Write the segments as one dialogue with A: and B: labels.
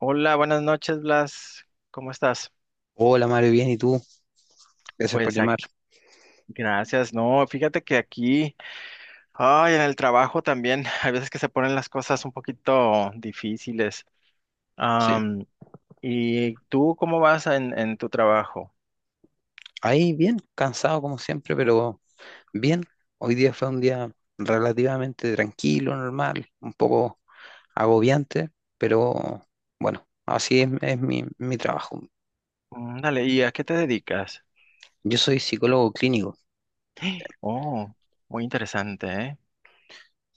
A: Hola, buenas noches, Blas. ¿Cómo estás?
B: Hola Mario, bien, ¿y tú? Gracias por
A: Pues
B: llamar.
A: gracias. No, fíjate que aquí, ay, en el trabajo también, hay veces que se ponen las cosas un poquito difíciles.
B: Sí,
A: Am, ¿Y tú cómo vas en tu trabajo?
B: ahí bien, cansado como siempre, pero bien. Hoy día fue un día relativamente tranquilo, normal, un poco agobiante, pero bueno, así es, mi trabajo.
A: Mm. Dale, ¿y a qué te dedicas?
B: Yo soy psicólogo clínico,
A: Oh, muy interesante, ¿eh?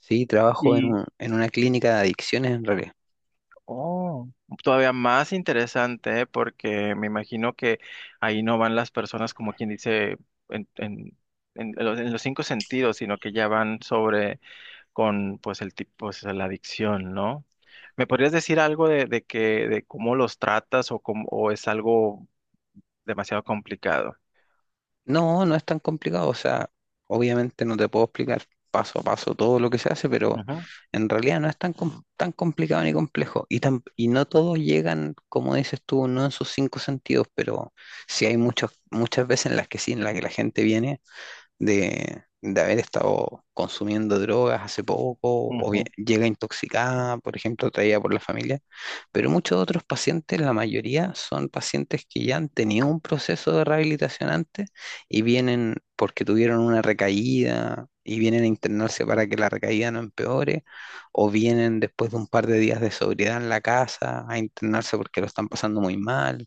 B: sí, trabajo en una clínica de adicciones en realidad.
A: Oh, todavía más interesante, ¿eh? Porque me imagino que ahí no van las personas como quien dice en, en, en los cinco sentidos, sino que ya van sobre con pues el tipo, pues, la adicción, ¿no? ¿Me podrías decir algo de cómo los tratas o es algo demasiado complicado?
B: No, no es tan complicado, o sea, obviamente no te puedo explicar paso a paso todo lo que se hace, pero
A: Ujú,
B: en realidad no es tan complicado ni complejo. Y, no todos llegan, como dices tú, no en sus cinco sentidos, pero sí hay muchas veces en las que sí, en las que la gente viene de haber estado consumiendo drogas hace poco, o bien
A: ujú.
B: llega intoxicada, por ejemplo, traída por la familia. Pero muchos otros pacientes, la mayoría, son pacientes que ya han tenido un proceso de rehabilitación antes y vienen porque tuvieron una recaída y vienen a internarse para que la recaída no empeore, o vienen después de un par de días de sobriedad en la casa a internarse porque lo están pasando muy mal.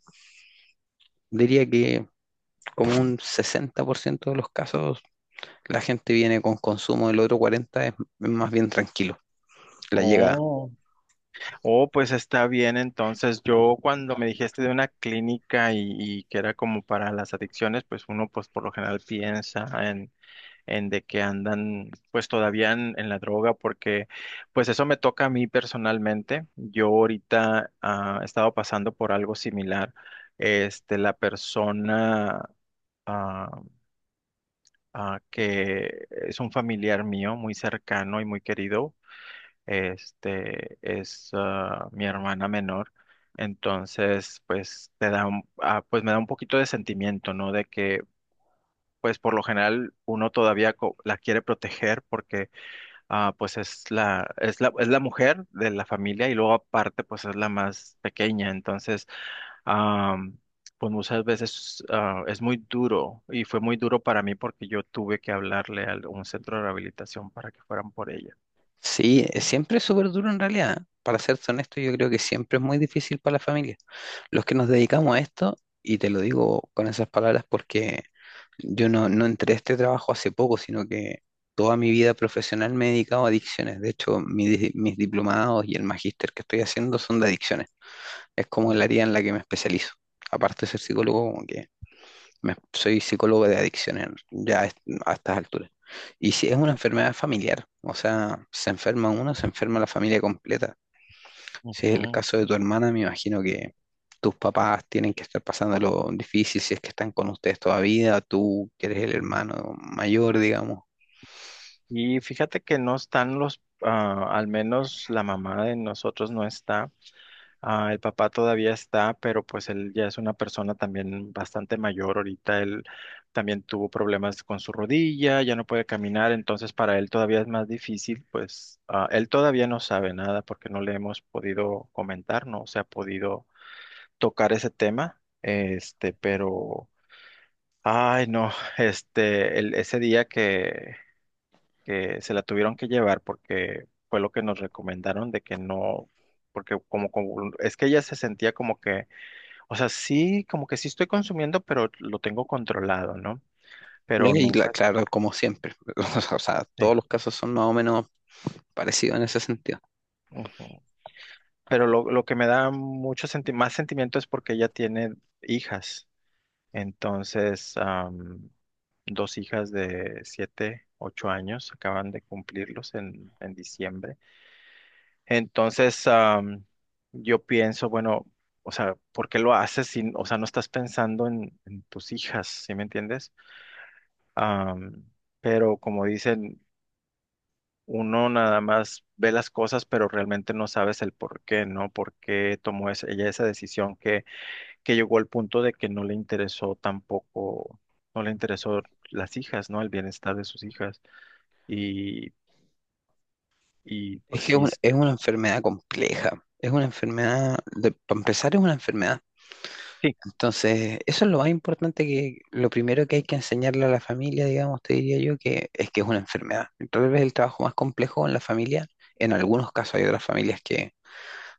B: Diría que como un 60% de los casos, la gente viene con consumo. Del otro 40, es más bien tranquilo la llegada.
A: Oh. Oh, pues está bien. Entonces, yo cuando me dijiste de una clínica y que era como para las adicciones, pues uno pues por lo general piensa en de que andan pues todavía en la droga, porque pues eso me toca a mí personalmente. Yo ahorita he estado pasando por algo similar. Este, la persona ah, que es un familiar mío muy cercano y muy querido, este es mi hermana menor. Entonces pues te da pues me da un poquito de sentimiento, ¿no? De que pues por lo general uno todavía la quiere proteger, porque pues es la mujer de la familia y luego aparte pues es la más pequeña. Entonces, am, pues muchas veces, es muy duro y fue muy duro para mí porque yo tuve que hablarle a un centro de rehabilitación para que fueran por ella.
B: Sí, siempre es súper duro en realidad. Para serte honesto, yo creo que siempre es muy difícil para la familia. Los que nos dedicamos a esto, y te lo digo con esas palabras porque yo no entré a este trabajo hace poco, sino que toda mi vida profesional me he dedicado a adicciones. De hecho, mis diplomados y el magíster que estoy haciendo son de adicciones. Es como
A: Mm,
B: el área en la que me especializo. Aparte de ser psicólogo, como que soy psicólogo de adicciones ya a estas alturas. Y si es una enfermedad familiar, o sea, se enferma uno, se enferma la familia completa. Si es el caso de tu hermana, me imagino que tus papás tienen que estar pasando lo difícil, si es que están con ustedes todavía, tú que eres el
A: ujú.
B: hermano mayor, digamos.
A: Y fíjate que no están al menos la mamá de nosotros no está. El papá todavía está, pero pues él ya es una persona también bastante mayor ahorita. Él también tuvo problemas con su rodilla, ya no puede caminar, entonces para él todavía es más difícil. Pues él todavía no sabe nada porque no le hemos podido comentar, no se ha podido tocar ese tema, este, pero. Ay, no, este, ese día que se la tuvieron que llevar porque fue lo que nos recomendaron de que no, porque como es que ella se sentía como que, o sea, sí, como que sí estoy consumiendo, pero lo tengo controlado, ¿no? Pero
B: Y
A: nunca.
B: claro, como siempre, o sea,
A: Sí.
B: todos los casos son más o menos parecidos en ese sentido.
A: Ujú. Pero lo que me da mucho más sentimiento es porque ella tiene hijas. Entonces, dos hijas de 7, 8 años, acaban de cumplirlos en diciembre. Entonces, yo pienso, bueno, o sea, ¿por qué lo haces si, o sea, no estás pensando en tus hijas? ¿Sí me entiendes? Am, pero como dicen, uno nada más ve las cosas, pero realmente no sabes el por qué, ¿no? ¿Por qué tomó ella esa decisión que llegó al punto de que no le interesó tampoco, no le interesó las hijas, ¿no? El bienestar de sus hijas. Y, y
B: Es
A: pues
B: que
A: sí,
B: es
A: este,
B: una enfermedad compleja, es una enfermedad, para empezar, es una enfermedad.
A: sí,
B: Entonces, eso es lo más importante, que lo primero que hay que enseñarle a la familia, digamos, te diría yo, que es una enfermedad. Tal vez el trabajo más complejo en la familia: en algunos casos hay otras familias que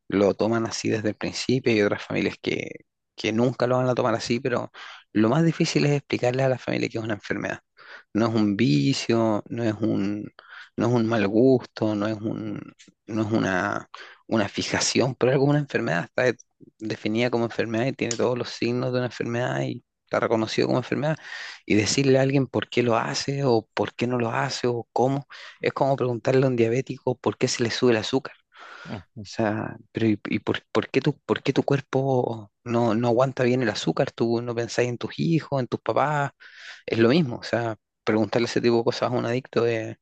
B: lo toman así desde el principio y otras familias que nunca lo van a tomar así, pero lo más difícil es explicarles a la familia que es una enfermedad. No es un vicio, no es un mal gusto, no es una fijación pero algo, es como una enfermedad. Está definida como enfermedad y tiene todos los signos de una enfermedad y está reconocido como enfermedad. Y decirle a alguien por qué lo hace o por qué no lo hace o cómo, es como preguntarle a un diabético por qué se le sube el azúcar.
A: ujú,
B: O sea, pero y por qué tu cuerpo no aguanta bien el azúcar? ¿Tú no pensás en tus hijos, en tus papás? Es lo mismo. O sea, preguntarle ese tipo de cosas a un adicto es,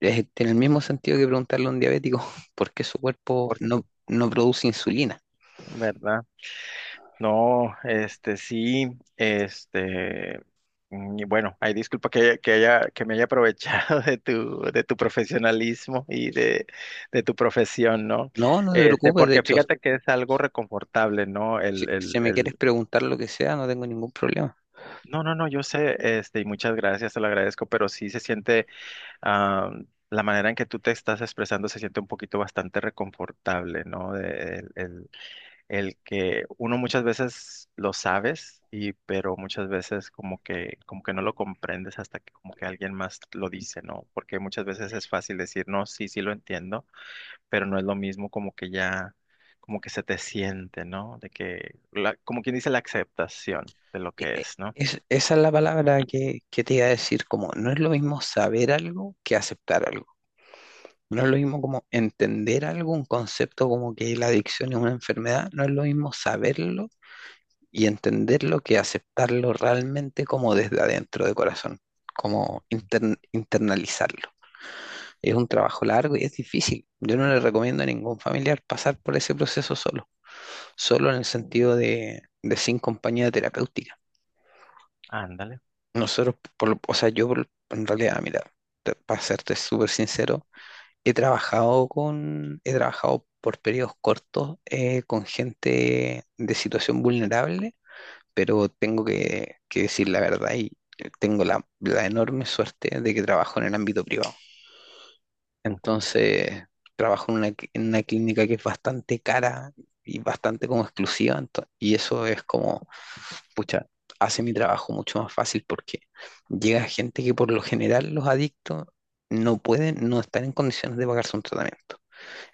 B: es- tiene el mismo sentido que preguntarle a un diabético por qué su cuerpo
A: porque, sí,
B: no produce insulina.
A: ¿verdad? No, este sí, este y bueno, hay disculpa que haya, que me haya aprovechado de tu profesionalismo y de tu profesión, ¿no?
B: No, no te
A: Este,
B: preocupes. De
A: porque
B: hecho,
A: fíjate que es algo reconfortable, ¿no?
B: si,
A: El, el,
B: si me quieres
A: el
B: preguntar lo que sea, no tengo ningún problema.
A: No, no, no, yo sé, este, y muchas gracias, te lo agradezco, pero sí se siente, ah, la manera en que tú te estás expresando se siente un poquito bastante reconfortable, ¿no? El que uno muchas veces lo sabes, y pero muchas veces como que no lo comprendes, hasta que como que alguien más lo dice, ¿no? Porque muchas veces es fácil decir: "No, sí, sí lo entiendo", pero no es lo mismo como que ya, como que se te siente, ¿no? De que como quien dice, la aceptación de lo
B: E-
A: que
B: e-
A: es, ¿no?
B: Esa es la palabra que te iba a decir: como no es lo mismo saber algo que aceptar algo. No es lo mismo como entender algo, un concepto como que la adicción es una enfermedad. No es lo mismo saberlo y entenderlo que aceptarlo realmente como desde adentro de corazón, como internalizarlo. Es un trabajo largo y es difícil. Yo no le recomiendo a ningún familiar pasar por ese proceso solo, solo en el sentido de, sin compañía terapéutica.
A: Ándale.
B: Nosotros, o sea, en realidad, mira, para serte súper sincero, he trabajado he trabajado por periodos cortos con gente de situación vulnerable, pero tengo que decir la verdad, y tengo la enorme suerte de que trabajo en el ámbito privado.
A: Ujú,
B: Entonces, trabajo en una clínica que es bastante cara y bastante como exclusiva, y eso es como, pucha, hace mi trabajo mucho más fácil, porque llega gente que... Por lo general los adictos no pueden, no están en condiciones de pagarse un tratamiento.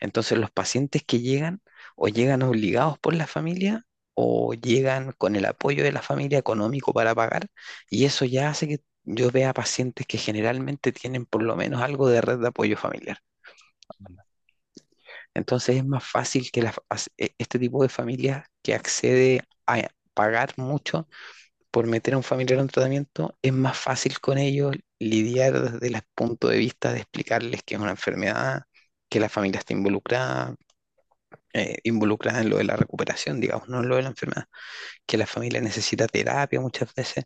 B: Entonces los pacientes que llegan, o llegan obligados por la familia, o llegan con el apoyo de la familia económico para pagar, y eso ya hace que yo vea pacientes que generalmente tienen por lo menos algo de red de apoyo familiar.
A: anda,
B: Entonces es más fácil que la fa- as- e- este tipo de familia, que accede a pagar mucho por meter a un familiar en tratamiento, es más fácil con ellos lidiar desde el punto de vista de explicarles que es una enfermedad, que la familia está involucrada, involucradas en lo de la recuperación, digamos, no en lo de la enfermedad, que la familia necesita terapia muchas veces.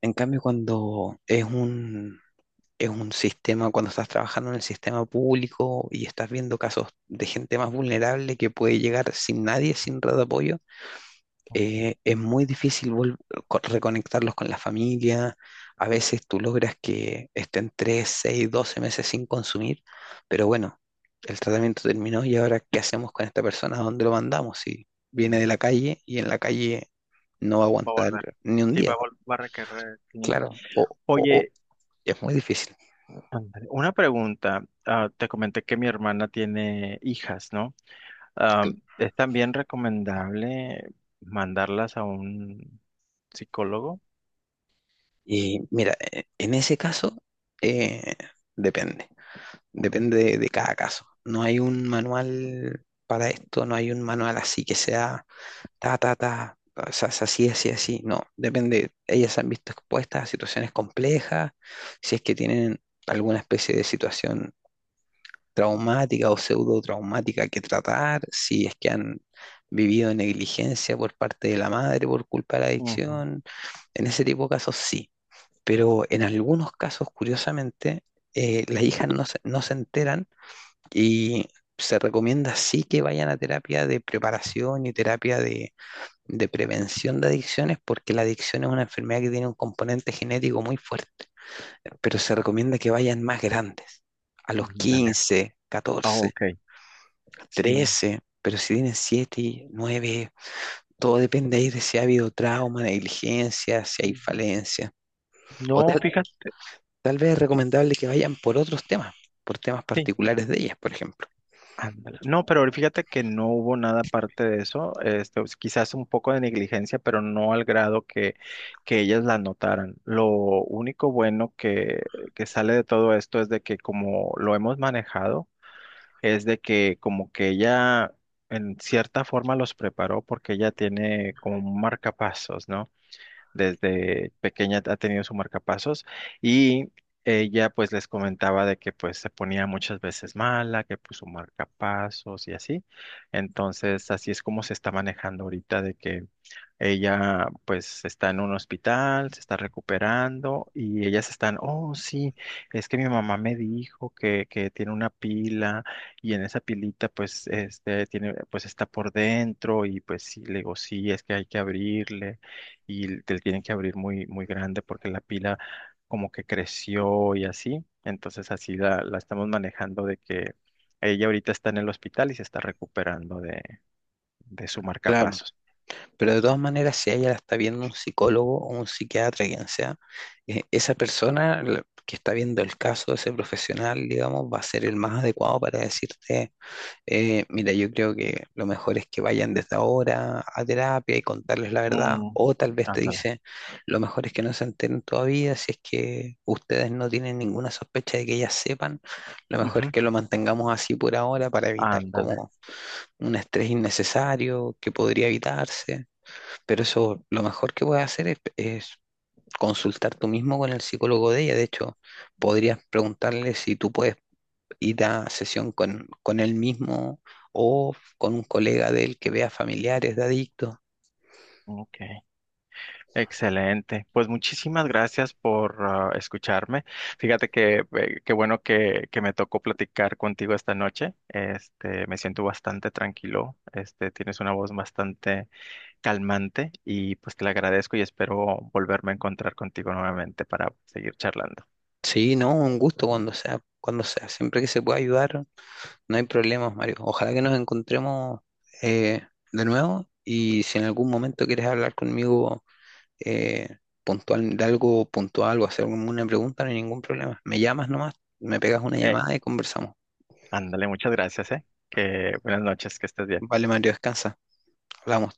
B: En cambio, cuando es un sistema, cuando estás trabajando en el sistema público y estás viendo casos de gente más vulnerable que puede llegar sin nadie, sin red de apoyo,
A: ujú,
B: es muy difícil reconectarlos con la familia. A veces tú logras que estén 3 6 12 meses sin consumir, pero bueno, el tratamiento terminó y ahora ¿qué hacemos con esta persona? ¿A dónde lo mandamos? Si viene
A: anda.
B: de la calle y en la calle no va a
A: Va a
B: aguantar
A: volver.
B: ni un
A: Sí, va
B: día,
A: a, vol- va a requerir. Sí.
B: claro, o, o-
A: Oye,
B: o es muy difícil.
A: ándale, una pregunta. Te comenté que mi hermana tiene hijas, ¿no? Ah,
B: Sí.
A: es también recomendable mandarlas a un psicólogo.
B: Y mira, en ese caso, eh, depende.
A: Ujú,
B: Depende de cada caso. No hay un manual para esto, no hay un manual así que sea ta, ta, ta, o sea, es así, así, así. No, depende. Ellas se han visto expuestas a situaciones complejas, si es que tienen alguna especie de situación traumática o pseudo traumática que tratar, si es que han vivido negligencia por parte de la madre por culpa de la
A: ujú,
B: adicción. En ese tipo de casos sí, pero en algunos casos, curiosamente, las hijas no se enteran, y se recomienda sí que vayan a terapia de preparación y terapia de prevención de adicciones, porque la adicción es una enfermedad que tiene un componente genético muy fuerte, pero se recomienda que vayan más grandes, a los
A: ujú, dale.
B: quince
A: Ah,
B: catorce
A: ok. Sí.
B: trece pero si tienen 7, 9, todo depende ahí de si ha habido trauma, negligencia, si hay falencia, o
A: No,
B: tal,
A: fíjate.
B: tal vez es
A: fí-
B: recomendable que vayan por otros temas, por temas
A: Sí.
B: particulares de ellas, por ejemplo.
A: Ándale. No, pero fíjate que no hubo nada aparte de eso. Este, pues, quizás un poco de negligencia, pero no al grado que ellas la notaran. Lo único bueno que sale de todo esto es de que, como lo hemos manejado, es de que como que ella en cierta forma los preparó, porque ella tiene como un marcapasos, ¿no? Desde pequeña ha tenido su marcapasos, y ella pues les comentaba de que pues se ponía muchas veces mala, que puso marcapasos y así. Entonces así es como se está manejando ahorita, de que ella pues está en un hospital, se está recuperando, y ellas están. Oh, sí, es que mi mamá me dijo que tiene una pila, y en esa pilita pues este tiene, pues está por dentro, y pues sí, le digo, sí, es que hay que abrirle, y te tienen que abrir muy, muy grande porque la pila como que creció y así. Entonces así la estamos manejando de que ella ahorita está en el hospital y se está recuperando de su
B: Claro.
A: marcapasos.
B: Pero de todas maneras, si ella la está viendo un psicólogo o un psiquiatra, quien sea, esa persona que está viendo el caso, ese profesional, digamos, va a ser el más adecuado para decirte, mira, yo creo que lo mejor es que vayan desde ahora a terapia y contarles la verdad,
A: Mm,
B: o tal vez te
A: ándale.
B: dice lo mejor es que no se enteren todavía, si es que ustedes no tienen ninguna sospecha de que ellas sepan, lo mejor es
A: Ujú,
B: que lo mantengamos así por ahora para evitar
A: ándale.
B: como un estrés innecesario que podría evitarse. Pero eso, lo mejor que puedes hacer es consultar tú mismo con el psicólogo de ella. De hecho, podrías preguntarle si tú puedes ir a sesión con él mismo, o con un colega de él que vea familiares de adictos.
A: Ok. Excelente. Pues muchísimas gracias por, escucharme. Fíjate que, qué bueno que me tocó platicar contigo esta noche. Este, me siento bastante tranquilo. Este, tienes una voz bastante calmante, y pues te lo agradezco y espero volverme a encontrar contigo nuevamente para seguir charlando.
B: Sí, no, un gusto, cuando sea, cuando sea. Siempre que se pueda ayudar, no hay problemas, Mario. Ojalá que nos encontremos eh, de nuevo, y si en algún momento quieres hablar conmigo eh, puntual, de algo puntual, o hacer una pregunta, no hay ningún problema. Me llamas nomás, me pegas una
A: Eh,
B: llamada y conversamos.
A: ándale, muchas gracias, ¿eh? Que buenas noches, que estés bien.
B: Vale, Mario, descansa. Hablamos.